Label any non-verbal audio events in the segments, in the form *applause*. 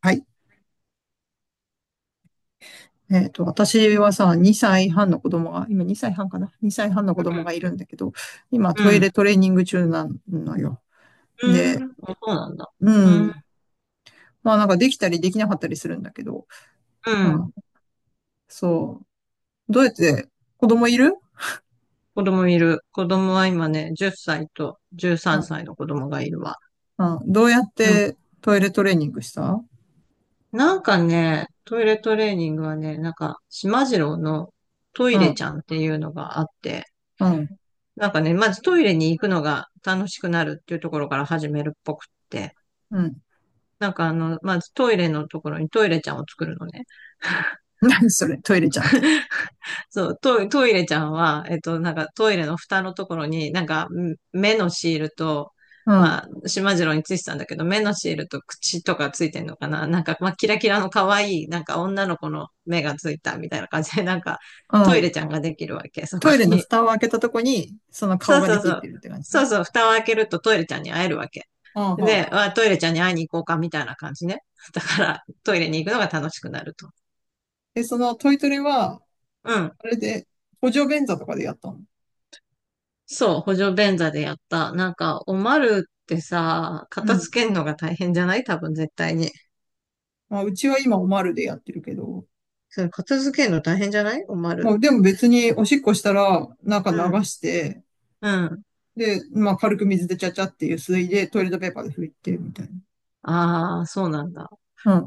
はい。私はさ、2歳半の子供が、今2歳半かな？ 2 歳半の子供うがいるんだけど、今トイレん。トレーニング中なのよ。うん。で、うん。あ、そうなんだ。ううん。ん。なんかできたりできなかったりするんだけど、うまん。あ、そう。どうやって、子供いる？子供いる。子供は今ね、10歳とう13ん。歳の子供がいるわ。うんどうやっうん。てトイレトレーニングした？なんかね、トイレトレーニングはね、なんか、しまじろうのトうイレん。ちゃんっていうのがあって、うん。なんかね、まずトイレに行くのが楽しくなるっていうところから始めるっぽくって、うん。なんかまずトイレのところにトイレちゃんを作るのね。*laughs* 何それ、トイレちゃんって。そう、トイレちゃんは、なんかトイレの蓋のところに、なんかん目のシールと、うん。まあ、しまじろうについてたんだけど、目のシールと口とかついてんのかななんか、まあ、キラキラの可愛い、なんか女の子の目がついたみたいな感じで、*laughs* なんか、うトイん。レちゃんができるわけ、そこトイレのに。蓋を開けたとこに、その顔そうがでそうきそってう。るって感じそね。うそう、蓋を開けるとトイレちゃんに会えるわけ。うんうで、ん。あ、トイレちゃんに会いに行こうか、みたいな感じね。だから、トイレに行くのが楽しくなると。で、そのトイトレは、うん。あれで、補助便座とかでやったの？そう、補助便座でやった。なんか、おまるってさ、う片付ん。けるのが大変じゃない、多分絶対に。まあ、うちは今おまるでやってるけど、それ片付けるの大変じゃない、おままる。あ、でも別におしっこしたら、なんかう流ん。して、うん。で、まあ、軽く水でちゃちゃっていう水でトイレットペーパーで拭いて、みたいああ、そうなんだ。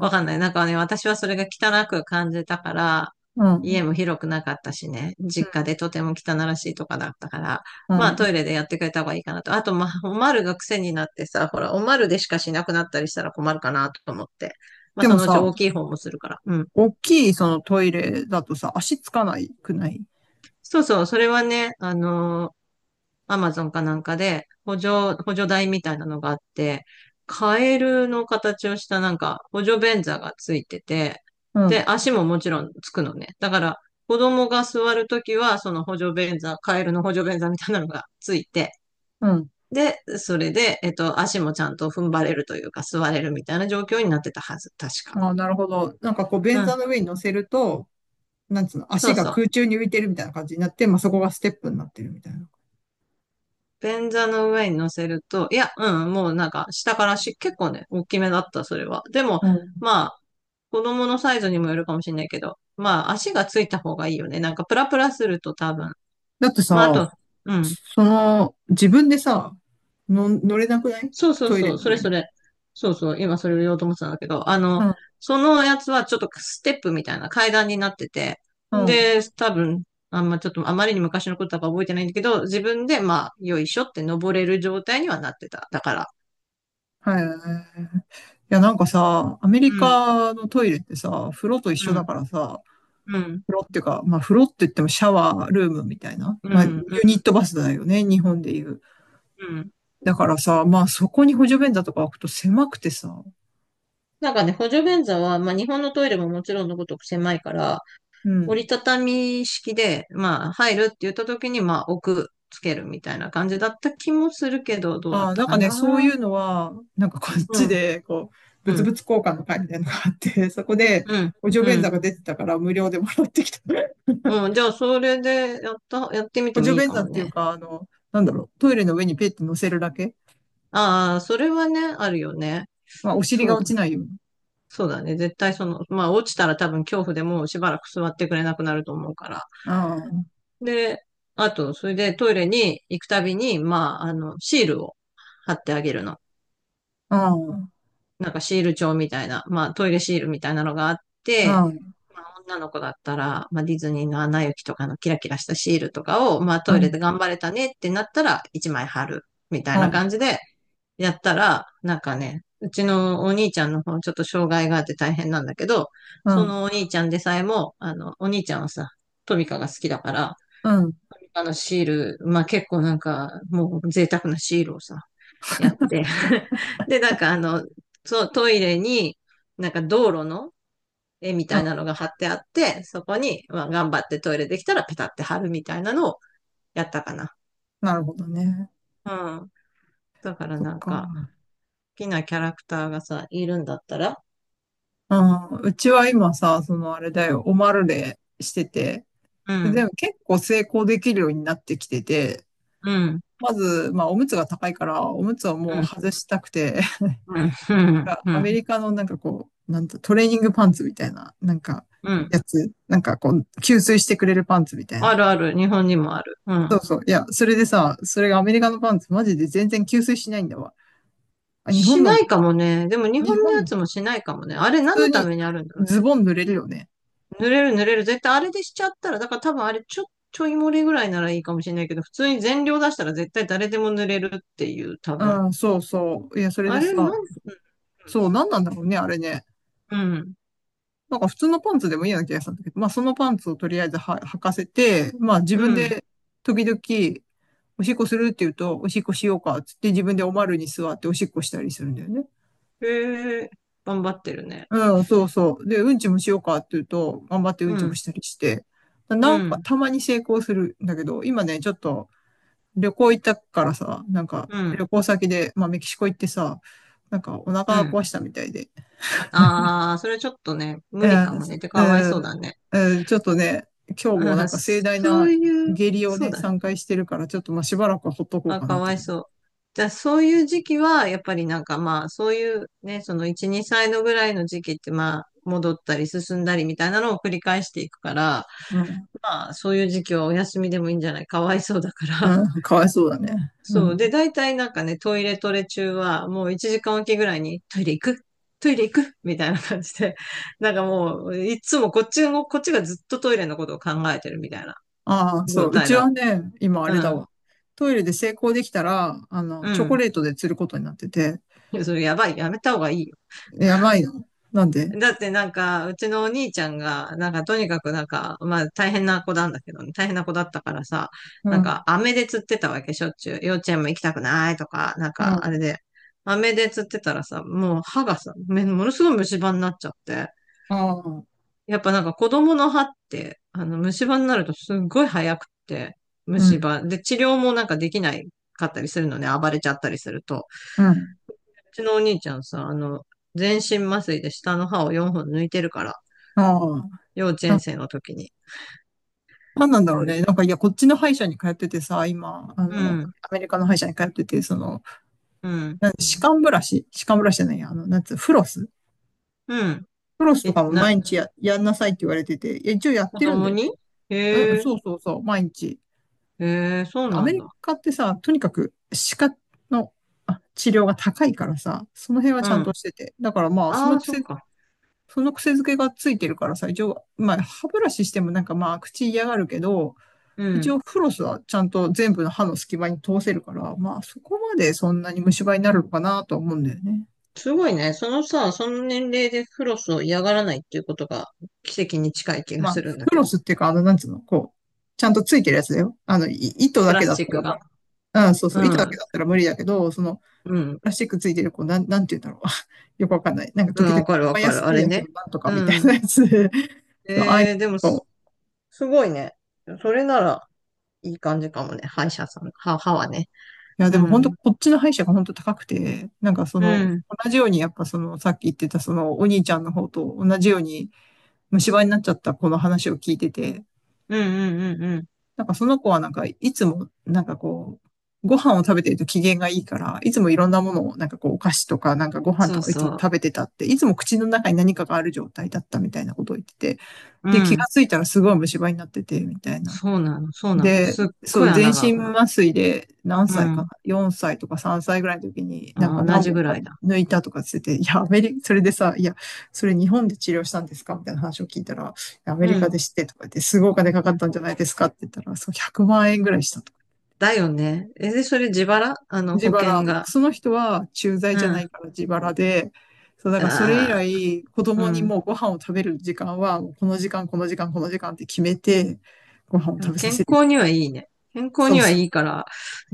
わかんない。なんかね、私はそれが汚く感じたから、うん、うん、家も広くなかったしね、実家でとても汚らしいとかだったから、うまあん。トイレでやってくれた方がいいかなと。あと、まあ、おまるが癖になってさ、ほら、おまるでしかしなくなったりしたら困るかなと思って。まあ、でそものうちさ、大きい方もするから。うん。大きいそのトイレだとさ、足つかないくない？そうそう、それはね、アマゾンかなんかで、補助台みたいなのがあって、カエルの形をしたなんか補助便座がついてて、うで、ん、足ももちろんつくのね。だから、子供が座るときは、その補助便座、カエルの補助便座みたいなのがついて、うん。で、それで、足もちゃんと踏ん張れるというか、座れるみたいな状況になってたはず、確か。ああ、なるほど。なんかこう、う便ん。座の上に乗せると、なんつうの、そ足うがそ空う。中に浮いてるみたいな感じになって、まあ、そこがステップになってるみたいな。便座の上に乗せると、いや、うん、もうなんか下からし、結構ね、大きめだった、それは。でも、うん。まあ、子供のサイズにもよるかもしれないけど、まあ、足がついた方がいいよね。なんか、プラプラすると多分。だってまあ、あさ、と、うん。その、自分でさ、の、乗れなくない？そうそうトイレそう、のそれ上そに。れ。そうそう、今それを言おうと思ってたんだけど、うん、そのやつはちょっとステップみたいな階段になってて、うん。で、多分、あんまちょっとあまりに昔のことだから覚えてないんだけど、自分でまあ、よいしょって登れる状態にはなってた。だから。はい。いや、なんかさ、アメうリん。カのトイレってさ、風呂と一う緒だん。からさ、うん、風呂っていうか、まあ風呂って言ってもシャワールームみたいな、うまあユん、うん、ニットバスだよね、日本でいう。うん。だからさ、まあそこに補助便座とか置くと狭くてさ、なんかね、補助便座は、まあ、日本のトイレももちろんのごとく狭いから、う折りん。たたみ式で、まあ、入るって言った時に、まあ、つけるみたいな感じだった気もするけど、どうだあっあ、たなんかかね、そういな。うのは、なんかこっうちん、で、こう、う物ん、々交換の会みたいなのがあって、そこでうん、補助う便座ん。が出てたから無料でもらってきた。うん、じゃあ、それでやった、やってみて補も助いい便か座もっていうね。か、あの、なんだろう、トイレの上にペッて乗せるだけ、ああ、それはね、あるよね。まあ、お尻そがう落だ、ちないように。そうだね。絶対その、まあ、落ちたら多分恐怖でもうしばらく座ってくれなくなると思うから。ああ、で、あと、それでトイレに行くたびに、まあ、あの、シールを貼ってあげるの。ああ、なんかシール帳みたいな、まあ、トイレシールみたいなのがあって、ああ、まあ、女の子だったら、まあ、ディズニーのアナ雪とかのキラキラしたシールとかを、まあ、あトあ、イレで頑張れたねってなったら、1枚貼る、みたいあな感じで、やったら、なんかね、うちのお兄ちゃんの方、ちょっと障害があって大変なんだけど、あ、そうのお兄ちゃんでさえも、あの、お兄ちゃんはさ、トミカが好きだから、ん、うん。あのシール、まあ結構なんか、もう贅沢なシールをさ、やって。*laughs* で、なんかそう、トイレに、なんか道路の絵みたいなのが貼ってあって、そこに、まあ頑張ってトイレできたらペタって貼るみたいなのをやったかな。なるほどね。うん。だからそっなんか、好か。きなキャラクターがさ、いるんだったら、ああ、うちは今さ、そのあれだうよ、ん、オマルレしてて、うでん、も結構成功できるようになってきてて、うん、まず、まあ、おむつが高いから、おむつをうもうん、外したくて、うん、かうアメん、リカのなんかこう、なんとトレーニングパンツみたいな、なんか、うん。やつ、なんかこう、吸水してくれるパンツみたいあな。るある、日本にもある。うそん。うそう。いや、それでさ、それがアメリカのパンツ、マジで全然吸水しないんだわ。あ、日し本のなも、いかもね。でも日日本のや本、つもしないかもね。あれ普何通のたにめにあるんだろうね。ズボン濡れるよね。濡れる、濡れる。絶対あれでしちゃったら、だから多分あれちょ、ちょい漏れぐらいならいいかもしれないけど、普通に全量出したら絶対誰でも濡れるっていう、多分。うん、そうそう。いや、それであれさ、なん、そう、なんなんだろうね、あれね。うん、なんか普通のパンツでもいいような気がしたんだけど、まあそのパンツをとりあえずは履かせて、まあ自う分ん。で時々おしっこするって言うと、おしっこしようか、つって自分でおまるに座っておしっこしたりするんだよね。へえ、頑張ってるね。うん、そうそう。で、うんちもしようかって言うと、頑張ってうんうちもん、したりして、うなんかん、たまに成功するんだけど、今ね、ちょっと旅行行ったからさ、なんかう旅ん、行先で、まあメキシコ行ってさ、なんかおう腹ん。壊したみたいで、ああ、それちょっとね、え無理かーもすね。てえかわいそうーだね。えーちょっとね、今日うもなんん、か盛大そうないう、下痢をそうね、だね。3回してるから、ちょっとまあしばらくはほっとこうあ、かなかってわい感じ。そう。じゃあ、そういう時期は、やっぱりなんかまあ、そういうね、その1、2歳のぐらいの時期ってまあ、戻ったり進んだりみたいなのを繰り返していくから、うん、まあ、そういう時期はお休みでもいいんじゃない、かわいそうだから。うん、かわいそうだね。*laughs* うそう。で、ん。大体なんかね、トイレトレ中は、もう1時間おきぐらいに、トイレ行くみたいな感じで、*laughs* なんかもう、いつもこっちも、こっちがずっとトイレのことを考えてるみたいなああ、そ状う。う態ちだ。はね、今あうれだん。わ。トイレで成功できたら、あうの、チョコん。レートで釣ることになってて、いや、それやばい。やめた方がいい。やばいよ。なんで？だってなんか、うちのお兄ちゃんが、なんかとにかくなんか、まあ大変な子なんだけどね、大変な子だったからさ、うなんかん、飴で釣ってたわけ、しょっちゅう。幼稚園も行きたくないとか、なんうん、あかあれで、飴で釣ってたらさ、もう歯がさ、めものすごい虫歯になっちゃって。あ、やっぱなんか子供の歯って、あの虫歯になるとすっごい早くって、う虫ん、歯。で、治療もなんかできないかったりするのね、暴れちゃったりすると。うん、うちのお兄ちゃんさ、あの、全身麻酔で下の歯を4本抜いてるから、ああ。幼稚園な、生の時に。なんなんだろうね。なんか、いや、こっちの歯医者に通っててさ、今、あうの、ん、アメリカの歯医者に通ってて、その、うん、なん歯間ブラシ、歯間ブラシじゃないや、あの、なんつう、フロス。うん。フロスとえ、かも毎な、日や、やんなさいって言われてて、いや一応やっ子てるんだ供よに。ね。へうん、え、そうそうそう、毎日。へえ、そうアなメんリだ。カってさ、とにかく歯科の、あ、治療が高いからさ、その辺はうちゃんん。としてて。だからまあ、そあのあ、そっ癖、か。その癖づけがついてるからさ、一応、まあ、歯ブラシしてもなんかまあ、口嫌がるけど、う一応ん。フロスはちゃんと全部の歯の隙間に通せるから、まあ、そこまでそんなに虫歯になるのかなとは思うんだよね。すごいね。そのさ、その年齢でフロスを嫌がらないっていうことが奇跡に近い気がまあ、するんだフけロど。スっていうか、あの、なんつうの、こう、ちゃんとついてるやつだよ。あの、い糸プだラけスだっチッたクらば、が。うん、そうそうう、糸だけん、だったら無理だけど、その、うん、ラスチックついてる、こう、なん、なんて言うんだろう。*laughs* よくわかんない。なんかう時ん、々、わかるわバイアかスる。あ製れ薬ね。のなんとかうみたいん。なやつで、*laughs* そう、ああいうえー、でもす、の。すごいね。それなら、いい感じかもね。歯医者さん、歯、歯はね。いや、うでも本当、ん。こっちの歯医者が本当高くて、なんかそうの、ん。同じようにやっぱその、さっき言ってたその、お兄ちゃんの方と同じように虫歯になっちゃった子の話を聞いてて、うん、うん、うん、うん。なんかその子はなんか、いつも、なんかこう、ご飯を食べてると機嫌がいいから、いつもいろんなものを、なんかこう、お菓子とか、なんかご飯とそうかいつそもう。食べてたって、いつも口の中に何かがある状態だったみたいなことを言ってて、うで、気がん。ついたらすごい虫歯になってて、みたいな。そうなの、そうなの。で、すっそごいう、全穴が開身くの。麻酔で何う歳かな？ ん。4 歳とか3歳ぐらいの時になんかあ、同何じ本ぐからいだ。抜いたとかつってて、いや、アメリカ、それでさ、いや、それ日本で治療したんですかみたいな話を聞いたら、アメリうカん。で知ってとか言って、すごいお金かかうっん。たんじゃないですかって言ったら、そう、100万円ぐらいした。だよね。え、で、それ自腹、あの、自保腹。険が。その人は駐在うじゃなん。いから自腹で、そう、だからそれ以ああ、来、子う供にん。もうご飯を食べる時間は、もうこの時間、この時間、この時間って決めて、ご飯を食べさ健せる。康にはいいね。健康そうにはそいう。いから、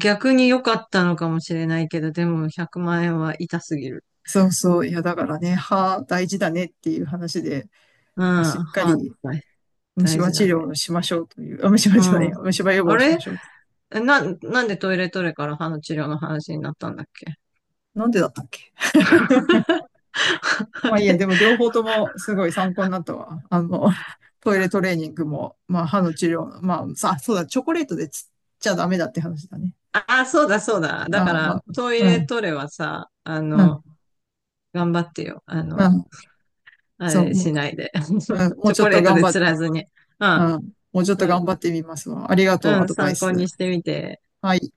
逆に良かったのかもしれないけど、でも100万円は痛すぎる。そうそう。いや、だからね、歯大事だねっていう話で、うまあ、しん。っかり大虫大歯事治だ療ね。をしましょうという、あ、虫歯うじゃないん。や、虫歯予防あをしまれしょう。なんでトイレトレから歯の治療の話になったんだっけ？ なんでだったっけ？ *laughs* あまあいいや、れ、でも両方ともすごい参考になったわ。あの、*laughs* トイレトレーニングも、まあ歯の治療、まあさ、そうだ、チョコレートでつっちゃダメだって話だね。ああ、そうだそうだ。だかああ、ら、まあ、トイうレん、トレはさ、あうん、の、頑張ってよ。あうの、ん。あそう、れもう、しないで。うん、*laughs* もチうョちょコっレとート頑で張っ、釣らずに。ううん、ん、もうちょっうと頑ん、張ってみますわ。ありがとうう、アん、ドバイ参考にス。してみて。はい。